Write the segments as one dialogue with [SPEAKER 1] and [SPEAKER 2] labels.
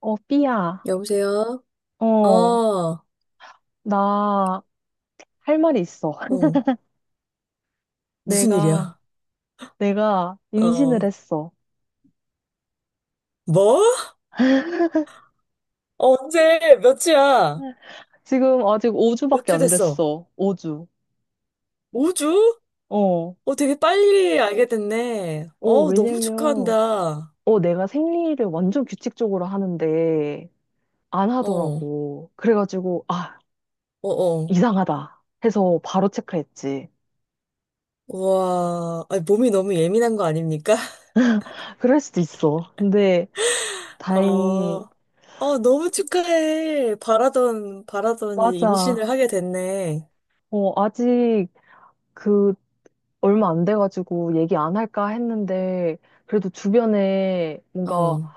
[SPEAKER 1] 삐야.
[SPEAKER 2] 여보세요? 어,
[SPEAKER 1] 어,
[SPEAKER 2] 어,
[SPEAKER 1] 나 할 말이 있어.
[SPEAKER 2] 무슨
[SPEAKER 1] 내가,
[SPEAKER 2] 일이야?
[SPEAKER 1] 내가 임신을
[SPEAKER 2] 어,
[SPEAKER 1] 했어.
[SPEAKER 2] 뭐? 어, 언제? 몇 주야?
[SPEAKER 1] 지금 아직
[SPEAKER 2] 몇
[SPEAKER 1] 5주밖에
[SPEAKER 2] 주
[SPEAKER 1] 안
[SPEAKER 2] 됐어?
[SPEAKER 1] 됐어. 5주.
[SPEAKER 2] 5주?
[SPEAKER 1] 어,
[SPEAKER 2] 어, 되게 빨리 알게 됐네. 어, 너무
[SPEAKER 1] 왜냐면,
[SPEAKER 2] 축하한다.
[SPEAKER 1] 내가 생리를 완전 규칙적으로 하는데 안
[SPEAKER 2] 어, 어,
[SPEAKER 1] 하더라고. 그래가지고,
[SPEAKER 2] 어.
[SPEAKER 1] 이상하다. 해서 바로 체크했지.
[SPEAKER 2] 와, 아니, 몸이 너무 예민한 거 아닙니까?
[SPEAKER 1] 그럴 수도 있어. 근데
[SPEAKER 2] 어,
[SPEAKER 1] 다행히,
[SPEAKER 2] 어, 너무 축하해. 바라더니 임신을
[SPEAKER 1] 맞아.
[SPEAKER 2] 하게 됐네.
[SPEAKER 1] 아직 그 얼마 안 돼가지고 얘기 안 할까 했는데, 그래도 주변에 뭔가
[SPEAKER 2] 어,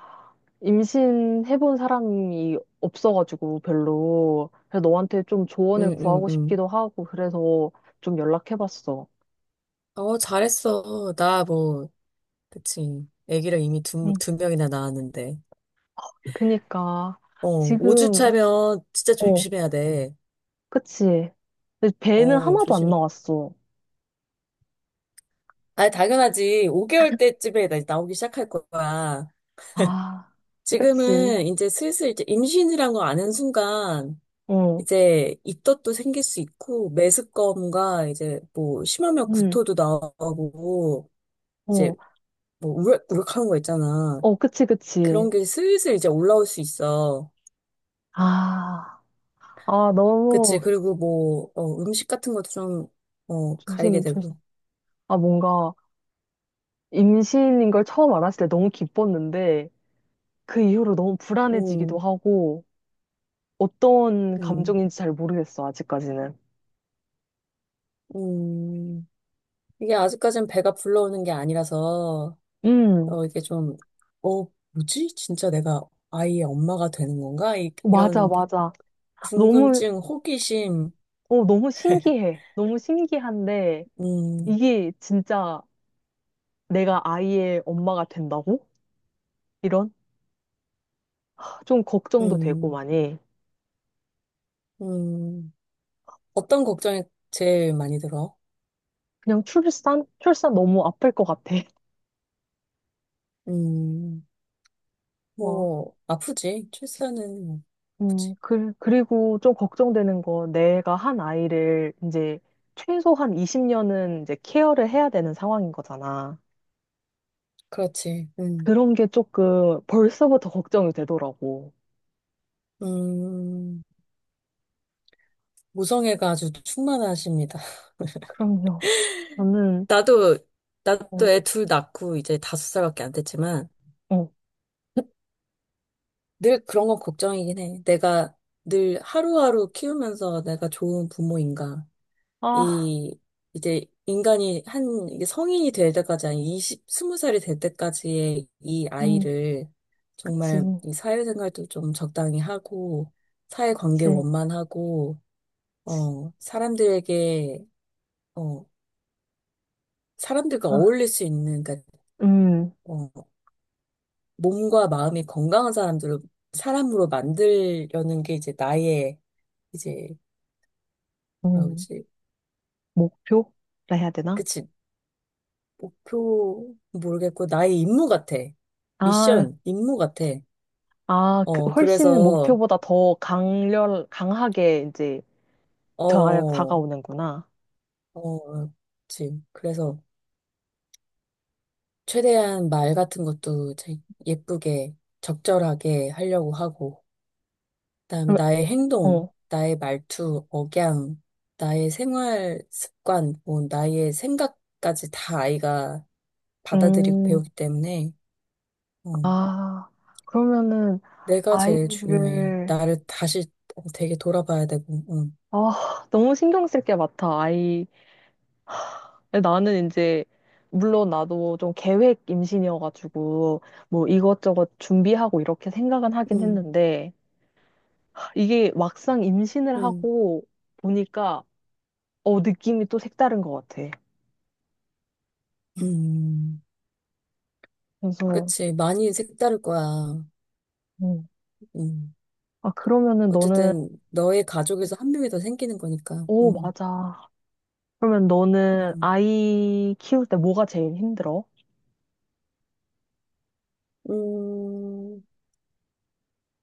[SPEAKER 1] 임신해본 사람이 없어가지고 별로. 그래서 너한테 좀 조언을
[SPEAKER 2] 응, 응,
[SPEAKER 1] 구하고
[SPEAKER 2] 응.
[SPEAKER 1] 싶기도 하고, 그래서 좀 연락해봤어.
[SPEAKER 2] 어, 잘했어. 나 뭐, 그치. 아기를 이미 두,
[SPEAKER 1] 응.
[SPEAKER 2] 두 명이나 낳았는데.
[SPEAKER 1] 그니까,
[SPEAKER 2] 어, 5주
[SPEAKER 1] 지금,
[SPEAKER 2] 차면 진짜
[SPEAKER 1] 어,
[SPEAKER 2] 조심해야 돼.
[SPEAKER 1] 그치. 근데 배는
[SPEAKER 2] 어,
[SPEAKER 1] 하나도 안
[SPEAKER 2] 조심.
[SPEAKER 1] 나왔어.
[SPEAKER 2] 아, 당연하지. 5개월 때쯤에 나오기 시작할 거야.
[SPEAKER 1] 아, 그치.
[SPEAKER 2] 지금은 이제 슬슬 이제 임신이란 거 아는 순간
[SPEAKER 1] 어,
[SPEAKER 2] 이제 입덧도 생길 수 있고 메스꺼움과 이제 뭐 심하면
[SPEAKER 1] 응,
[SPEAKER 2] 구토도 나오고 이제
[SPEAKER 1] 어,
[SPEAKER 2] 뭐 우럭하는 거 있잖아.
[SPEAKER 1] 어, 그치,
[SPEAKER 2] 그런
[SPEAKER 1] 그치.
[SPEAKER 2] 게 슬슬 이제 올라올 수 있어.
[SPEAKER 1] 아, 아,
[SPEAKER 2] 그치.
[SPEAKER 1] 너무,
[SPEAKER 2] 그리고 뭐, 어, 음식 같은 것도 좀, 어, 가리게
[SPEAKER 1] 조심, 조심.
[SPEAKER 2] 되고.
[SPEAKER 1] 아, 뭔가, 임신인 걸 처음 알았을 때 너무 기뻤는데 그 이후로 너무 불안해지기도
[SPEAKER 2] 음.
[SPEAKER 1] 하고 어떤
[SPEAKER 2] 음.
[SPEAKER 1] 감정인지 잘 모르겠어, 아직까지는.
[SPEAKER 2] 음. 이게 아직까진 배가 불러오는 게 아니라서,
[SPEAKER 1] 음,
[SPEAKER 2] 어, 이게 좀, 어, 뭐지? 진짜 내가 아이의 엄마가 되는 건가? 이,
[SPEAKER 1] 맞아,
[SPEAKER 2] 이런
[SPEAKER 1] 맞아. 너무,
[SPEAKER 2] 궁금증, 호기심,
[SPEAKER 1] 너무 신기해. 너무 신기한데
[SPEAKER 2] 음.
[SPEAKER 1] 이게 진짜 내가 아이의 엄마가 된다고? 이런? 좀 걱정도 되고
[SPEAKER 2] 음.
[SPEAKER 1] 많이.
[SPEAKER 2] 음. 어떤 걱정이 제일 많이 들어?
[SPEAKER 1] 그냥 출산? 출산 너무 아플 것 같아.
[SPEAKER 2] 음, 뭐, 아프지. 출산은 뭐, 아프지.
[SPEAKER 1] 그리고 좀 걱정되는 거, 내가 한 아이를 이제 최소한 20년은 이제 케어를 해야 되는 상황인 거잖아.
[SPEAKER 2] 그렇지. 음.
[SPEAKER 1] 그런 게 조금 벌써부터 걱정이 되더라고.
[SPEAKER 2] 음. 모성애가 아주 충만하십니다.
[SPEAKER 1] 그럼요. 나는,
[SPEAKER 2] 나도, 나도
[SPEAKER 1] 어,
[SPEAKER 2] 애 둘 낳고 이제 다섯 살밖에 안 됐지만
[SPEAKER 1] 어,
[SPEAKER 2] 늘 그런 건 걱정이긴 해. 내가 늘 하루하루 키우면서 내가 좋은 부모인가.
[SPEAKER 1] 아,
[SPEAKER 2] 이, 이제 인간이 이게 성인이 될 때까지, 한 20, 스무 살이 될 때까지의 이
[SPEAKER 1] 음,
[SPEAKER 2] 아이를
[SPEAKER 1] 그치,
[SPEAKER 2] 정말 이 사회생활도 좀 적당히 하고, 사회관계
[SPEAKER 1] 그치.
[SPEAKER 2] 원만하고, 어, 사람들에게, 어, 사람들과
[SPEAKER 1] 아,
[SPEAKER 2] 어울릴 수 있는, 그러니까
[SPEAKER 1] 음,
[SPEAKER 2] 어, 몸과 마음이 건강한 사람들을 사람으로 만들려는 게 이제 나의 이제 뭐라
[SPEAKER 1] 음,
[SPEAKER 2] 그러지?
[SPEAKER 1] 목표라 해야 되나?
[SPEAKER 2] 그치. 목표 모르겠고 나의 임무 같아.
[SPEAKER 1] 아,
[SPEAKER 2] 미션 임무 같아.
[SPEAKER 1] 아, 그
[SPEAKER 2] 어,
[SPEAKER 1] 훨씬
[SPEAKER 2] 그래서
[SPEAKER 1] 목표보다 더 강하게 이제
[SPEAKER 2] 어어
[SPEAKER 1] 다가오는구나.
[SPEAKER 2] 그치. 그래서 최대한 말 같은 것도 제- 예쁘게 적절하게 하려고 하고 그다음에
[SPEAKER 1] 그럼,
[SPEAKER 2] 나의 행동,
[SPEAKER 1] 어,
[SPEAKER 2] 나의 말투, 억양, 나의 생활 습관, 뭐 나의 생각까지 다 아이가 받아들이고
[SPEAKER 1] 음.
[SPEAKER 2] 배우기 때문에 어,
[SPEAKER 1] 아, 그러면은
[SPEAKER 2] 내가 제일 중요해.
[SPEAKER 1] 아이를.
[SPEAKER 2] 나를 다시 어, 되게 돌아봐야 되고. 어.
[SPEAKER 1] 너무 신경 쓸 게 많다. 아이 나는 이제 물론 나도 좀 계획 임신이어가지고 뭐 이것저것 준비하고 이렇게 생각은 하긴
[SPEAKER 2] 음.
[SPEAKER 1] 했는데 이게 막상 임신을
[SPEAKER 2] 음.
[SPEAKER 1] 하고 보니까 느낌이 또 색다른 것 같아.
[SPEAKER 2] 음.
[SPEAKER 1] 그래서
[SPEAKER 2] 그치. 많이 색다를 거야.
[SPEAKER 1] 음.
[SPEAKER 2] 음.
[SPEAKER 1] 그러면은 너는.
[SPEAKER 2] 어쨌든 너의 가족에서 한 명이 더 생기는 거니까.
[SPEAKER 1] 오,
[SPEAKER 2] 음.
[SPEAKER 1] 맞아. 그러면 너는
[SPEAKER 2] 음.
[SPEAKER 1] 아이 키울 때 뭐가 제일 힘들어?
[SPEAKER 2] 음.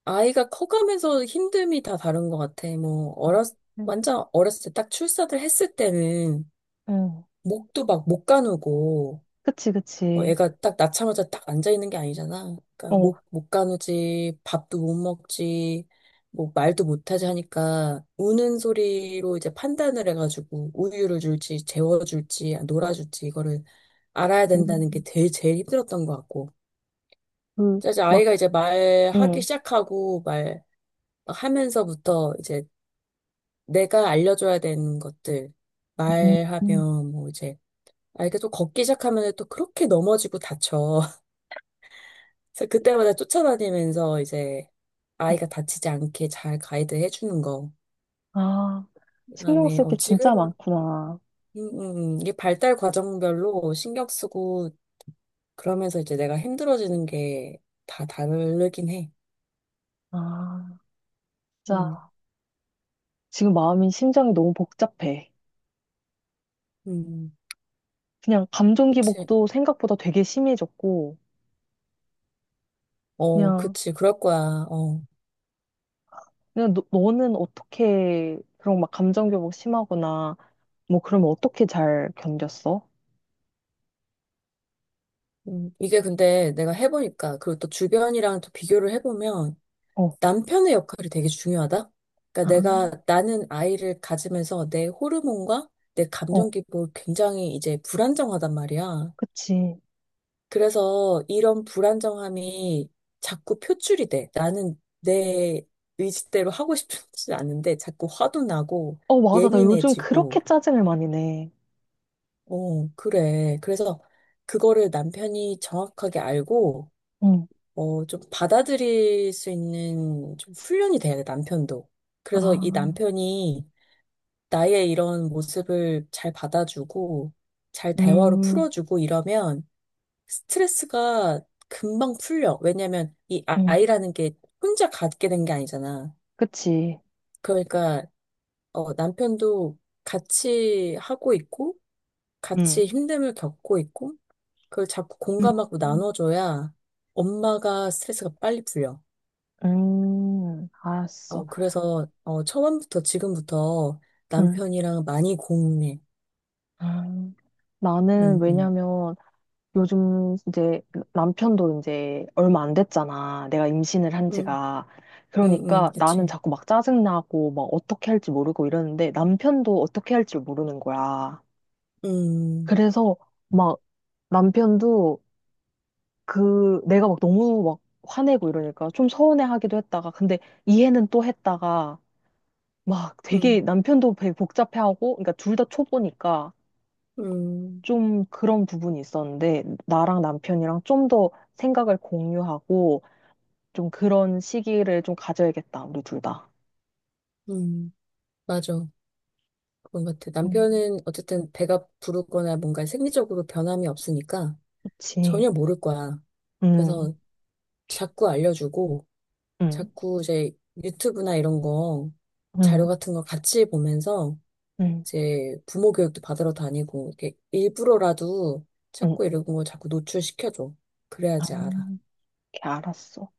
[SPEAKER 2] 아이가 커가면서 힘듦이 다 다른 것 같아. 뭐,
[SPEAKER 1] 아,
[SPEAKER 2] 어렸,
[SPEAKER 1] 응.
[SPEAKER 2] 완전 어렸을 때 딱 출산을 했을 때는
[SPEAKER 1] 응.
[SPEAKER 2] 목도 막 못 가누고,
[SPEAKER 1] 그치,
[SPEAKER 2] 뭐
[SPEAKER 1] 그치.
[SPEAKER 2] 애가 딱 낳자마자 딱 앉아있는 게 아니잖아. 그러니까
[SPEAKER 1] 어,
[SPEAKER 2] 목, 못 가누지, 밥도 못 먹지, 뭐 말도 못하지 하니까 우는 소리로 이제 판단을 해가지고 우유를 줄지, 재워줄지, 놀아줄지 이거를 알아야 된다는 게
[SPEAKER 1] 음,
[SPEAKER 2] 제일 힘들었던 것 같고.
[SPEAKER 1] 그,
[SPEAKER 2] 이제
[SPEAKER 1] 막,
[SPEAKER 2] 아이가 이제 말하기
[SPEAKER 1] 응,
[SPEAKER 2] 시작하고 말, 막 하면서부터 이제 내가 알려줘야 되는 것들
[SPEAKER 1] 음, 음,
[SPEAKER 2] 말하면 뭐 이제 아, 이게 또 걷기 시작하면 또 그렇게 넘어지고 다쳐. 그래서 그때마다 쫓아다니면서 이제
[SPEAKER 1] 어,
[SPEAKER 2] 아이가 다치지 않게 잘 가이드 해주는 거.
[SPEAKER 1] 아, 신경
[SPEAKER 2] 그다음에
[SPEAKER 1] 쓸
[SPEAKER 2] 어,
[SPEAKER 1] 게
[SPEAKER 2] 지금
[SPEAKER 1] 진짜 많구나.
[SPEAKER 2] 음. 음. 음. 이게 발달 과정별로 신경 쓰고 그러면서 이제 내가 힘들어지는 게 다 다르긴 해.
[SPEAKER 1] 아,
[SPEAKER 2] 음.
[SPEAKER 1] 진짜, 지금 마음이, 심장이 너무 복잡해.
[SPEAKER 2] 음.
[SPEAKER 1] 그냥 감정
[SPEAKER 2] 그치.
[SPEAKER 1] 기복도 생각보다 되게 심해졌고,
[SPEAKER 2] 어,
[SPEAKER 1] 그냥,
[SPEAKER 2] 그치. 그럴 거야. 어.
[SPEAKER 1] 그냥 너는 어떻게, 그런 막 감정 기복 심하거나, 뭐 그러면 어떻게 잘 견뎠어?
[SPEAKER 2] 이게 근데 내가 해보니까, 그리고 또 주변이랑 또 비교를 해보면,
[SPEAKER 1] 어,
[SPEAKER 2] 남편의 역할이 되게 중요하다?
[SPEAKER 1] 아,
[SPEAKER 2] 그러니까 내가, 나는 아이를 가지면서 내 호르몬과 내
[SPEAKER 1] 어,
[SPEAKER 2] 감정 기복이 굉장히 이제 불안정하단 말이야.
[SPEAKER 1] 그치.
[SPEAKER 2] 그래서 이런 불안정함이 자꾸 표출이 돼. 나는 내 의지대로 하고 싶지 않은데 자꾸 화도 나고
[SPEAKER 1] 어, 맞아. 나 요즘 그렇게
[SPEAKER 2] 예민해지고,
[SPEAKER 1] 짜증을 많이 내.
[SPEAKER 2] 어, 그래. 그래서 그거를 남편이 정확하게 알고,
[SPEAKER 1] 응,
[SPEAKER 2] 어, 좀 받아들일 수 있는 좀 훈련이 돼야 돼, 남편도. 그래서 이
[SPEAKER 1] 아,
[SPEAKER 2] 남편이 나의 이런 모습을 잘 받아주고, 잘 대화로
[SPEAKER 1] 음,
[SPEAKER 2] 풀어주고 이러면 스트레스가 금방 풀려. 왜냐면 이
[SPEAKER 1] 응,
[SPEAKER 2] 아이라는 게 혼자 갖게 된 게 아니잖아.
[SPEAKER 1] 그치.
[SPEAKER 2] 그러니까, 어, 남편도 같이 하고 있고,
[SPEAKER 1] 응.
[SPEAKER 2] 같이 힘듦을 겪고 있고, 그걸 자꾸
[SPEAKER 1] 음,
[SPEAKER 2] 공감하고 나눠줘야 엄마가 스트레스가 빨리 풀려.
[SPEAKER 1] 알았어.
[SPEAKER 2] 어, 그래서, 어, 처음부터 지금부터
[SPEAKER 1] 음,
[SPEAKER 2] 남편이랑 많이 공유해.
[SPEAKER 1] 음. 나는
[SPEAKER 2] 응응
[SPEAKER 1] 왜냐면 요즘 이제 남편도 이제 얼마 안 됐잖아. 내가 임신을 한
[SPEAKER 2] 응
[SPEAKER 1] 지가.
[SPEAKER 2] 응응
[SPEAKER 1] 그러니까 나는
[SPEAKER 2] 그치.
[SPEAKER 1] 자꾸 막 짜증나고 막 어떻게 할지 모르고 이러는데 남편도 어떻게 할지 모르는 거야.
[SPEAKER 2] 음.
[SPEAKER 1] 그래서 막 남편도 그 내가 막 너무 막 화내고 이러니까 좀 서운해하기도 했다가 근데 이해는 또 했다가 막 되게
[SPEAKER 2] 음.
[SPEAKER 1] 남편도 되게 복잡해하고, 그러니까 둘 다 초보니까
[SPEAKER 2] 음.
[SPEAKER 1] 좀 그런 부분이 있었는데, 나랑 남편이랑 좀 더 생각을 공유하고, 좀 그런 시기를 좀 가져야겠다, 우리 둘 다.
[SPEAKER 2] 음, 맞아. 그런 것 같아.
[SPEAKER 1] 음,
[SPEAKER 2] 남편은 어쨌든 배가 부르거나 뭔가 생리적으로 변함이 없으니까
[SPEAKER 1] 그치.
[SPEAKER 2] 전혀 모를 거야.
[SPEAKER 1] 응,
[SPEAKER 2] 그래서 자꾸 알려주고,
[SPEAKER 1] 응,
[SPEAKER 2] 자꾸 이제 유튜브나 이런 거, 자료
[SPEAKER 1] 응,
[SPEAKER 2] 같은 거 같이 보면서
[SPEAKER 1] 응,
[SPEAKER 2] 이제 부모 교육도 받으러 다니고 이렇게 일부러라도
[SPEAKER 1] 응.
[SPEAKER 2] 자꾸 이런 거 자꾸 노출시켜줘.
[SPEAKER 1] 아, 렇
[SPEAKER 2] 그래야지 알아.
[SPEAKER 1] 게 알았어.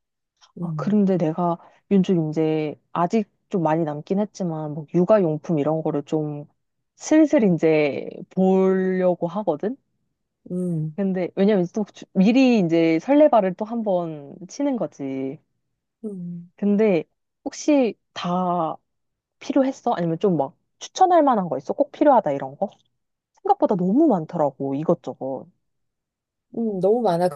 [SPEAKER 1] 아,
[SPEAKER 2] 음.
[SPEAKER 1] 그런데 내가 윤주 이제 아직 좀 많이 남긴 했지만, 뭐 육아용품 이런 거를 좀 슬슬 이제 보려고 하거든?
[SPEAKER 2] 음.
[SPEAKER 1] 근데 왜냐면 또 미리 이제 설레발을 또 한번 치는 거지.
[SPEAKER 2] 음.
[SPEAKER 1] 근데 혹시 다 필요했어? 아니면 좀 막 추천할 만한 거 있어? 꼭 필요하다 이런 거? 생각보다 너무 많더라고 이것저것.
[SPEAKER 2] 너무 많아.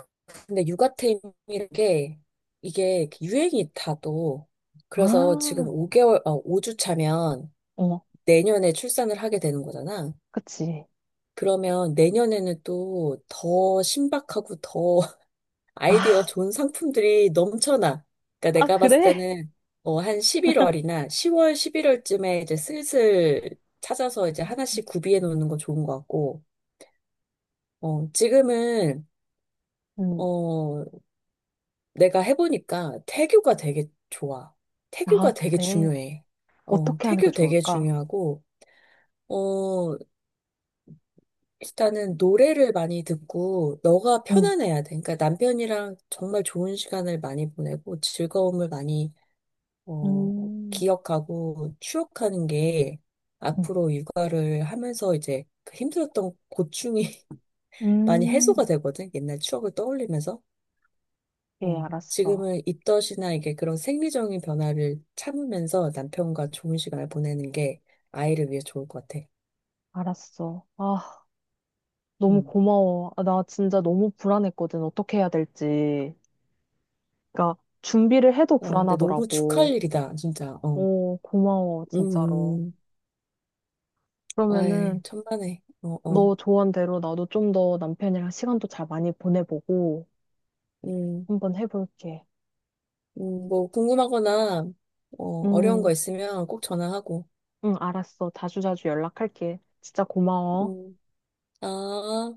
[SPEAKER 2] 근데 육아템이라는 게 이게 유행이 다도 그래서 지금
[SPEAKER 1] 아,
[SPEAKER 2] 5개월, 어, 5주 차면
[SPEAKER 1] 어,
[SPEAKER 2] 내년에 출산을 하게 되는 거잖아.
[SPEAKER 1] 그치.
[SPEAKER 2] 그러면 내년에는 또 더 신박하고 더
[SPEAKER 1] 아,
[SPEAKER 2] 아이디어 좋은 상품들이 넘쳐나. 그러니까
[SPEAKER 1] 아
[SPEAKER 2] 내가 봤을
[SPEAKER 1] 그래?
[SPEAKER 2] 때는 어, 한 11월이나 10월, 11월쯤에 이제 슬슬 찾아서 이제 하나씩 구비해 놓는 거 좋은 것 같고, 어, 지금은
[SPEAKER 1] 음,
[SPEAKER 2] 어, 내가 해보니까 태교가 되게 좋아.
[SPEAKER 1] 아
[SPEAKER 2] 태교가 되게
[SPEAKER 1] 그래.
[SPEAKER 2] 중요해. 어,
[SPEAKER 1] 어떻게 하는 게
[SPEAKER 2] 태교 되게
[SPEAKER 1] 좋을까?
[SPEAKER 2] 중요하고, 어, 일단은 노래를 많이 듣고 너가
[SPEAKER 1] 음,
[SPEAKER 2] 편안해야 돼. 그러니까 남편이랑 정말 좋은 시간을 많이 보내고 즐거움을 많이 어,
[SPEAKER 1] 음,
[SPEAKER 2] 기억하고 추억하는 게
[SPEAKER 1] 음,
[SPEAKER 2] 앞으로 육아를 하면서 이제 그 힘들었던 고충이 많이
[SPEAKER 1] 음.
[SPEAKER 2] 해소가 되거든. 옛날 추억을 떠올리면서.
[SPEAKER 1] 예,
[SPEAKER 2] 어,
[SPEAKER 1] 알았어.
[SPEAKER 2] 지금은 입덧이나 이게 그런 생리적인 변화를 참으면서 남편과 좋은 시간을 보내는 게 아이를 위해 좋을 것 같아.
[SPEAKER 1] 알았어. 아, 너무
[SPEAKER 2] 음.
[SPEAKER 1] 고마워. 아, 나 진짜 너무 불안했거든. 어떻게 해야 될지. 그러니까 준비를 해도
[SPEAKER 2] 어, 근데 너무 축하할
[SPEAKER 1] 불안하더라고.
[SPEAKER 2] 일이다, 진짜. 어.
[SPEAKER 1] 오, 고마워,
[SPEAKER 2] 음.
[SPEAKER 1] 진짜로.
[SPEAKER 2] 음. 아이,
[SPEAKER 1] 그러면은
[SPEAKER 2] 천만에. 어, 어.
[SPEAKER 1] 너 조언대로 나도 좀 더 남편이랑 시간도 잘 많이 보내보고
[SPEAKER 2] 음.
[SPEAKER 1] 한번 해볼게.
[SPEAKER 2] 뭐 궁금하거나 어, 어려운
[SPEAKER 1] 응
[SPEAKER 2] 거 있으면 꼭 전화하고.
[SPEAKER 1] 응, 알았어. 자주자주 연락할게. 진짜 고마워.
[SPEAKER 2] 음. 아,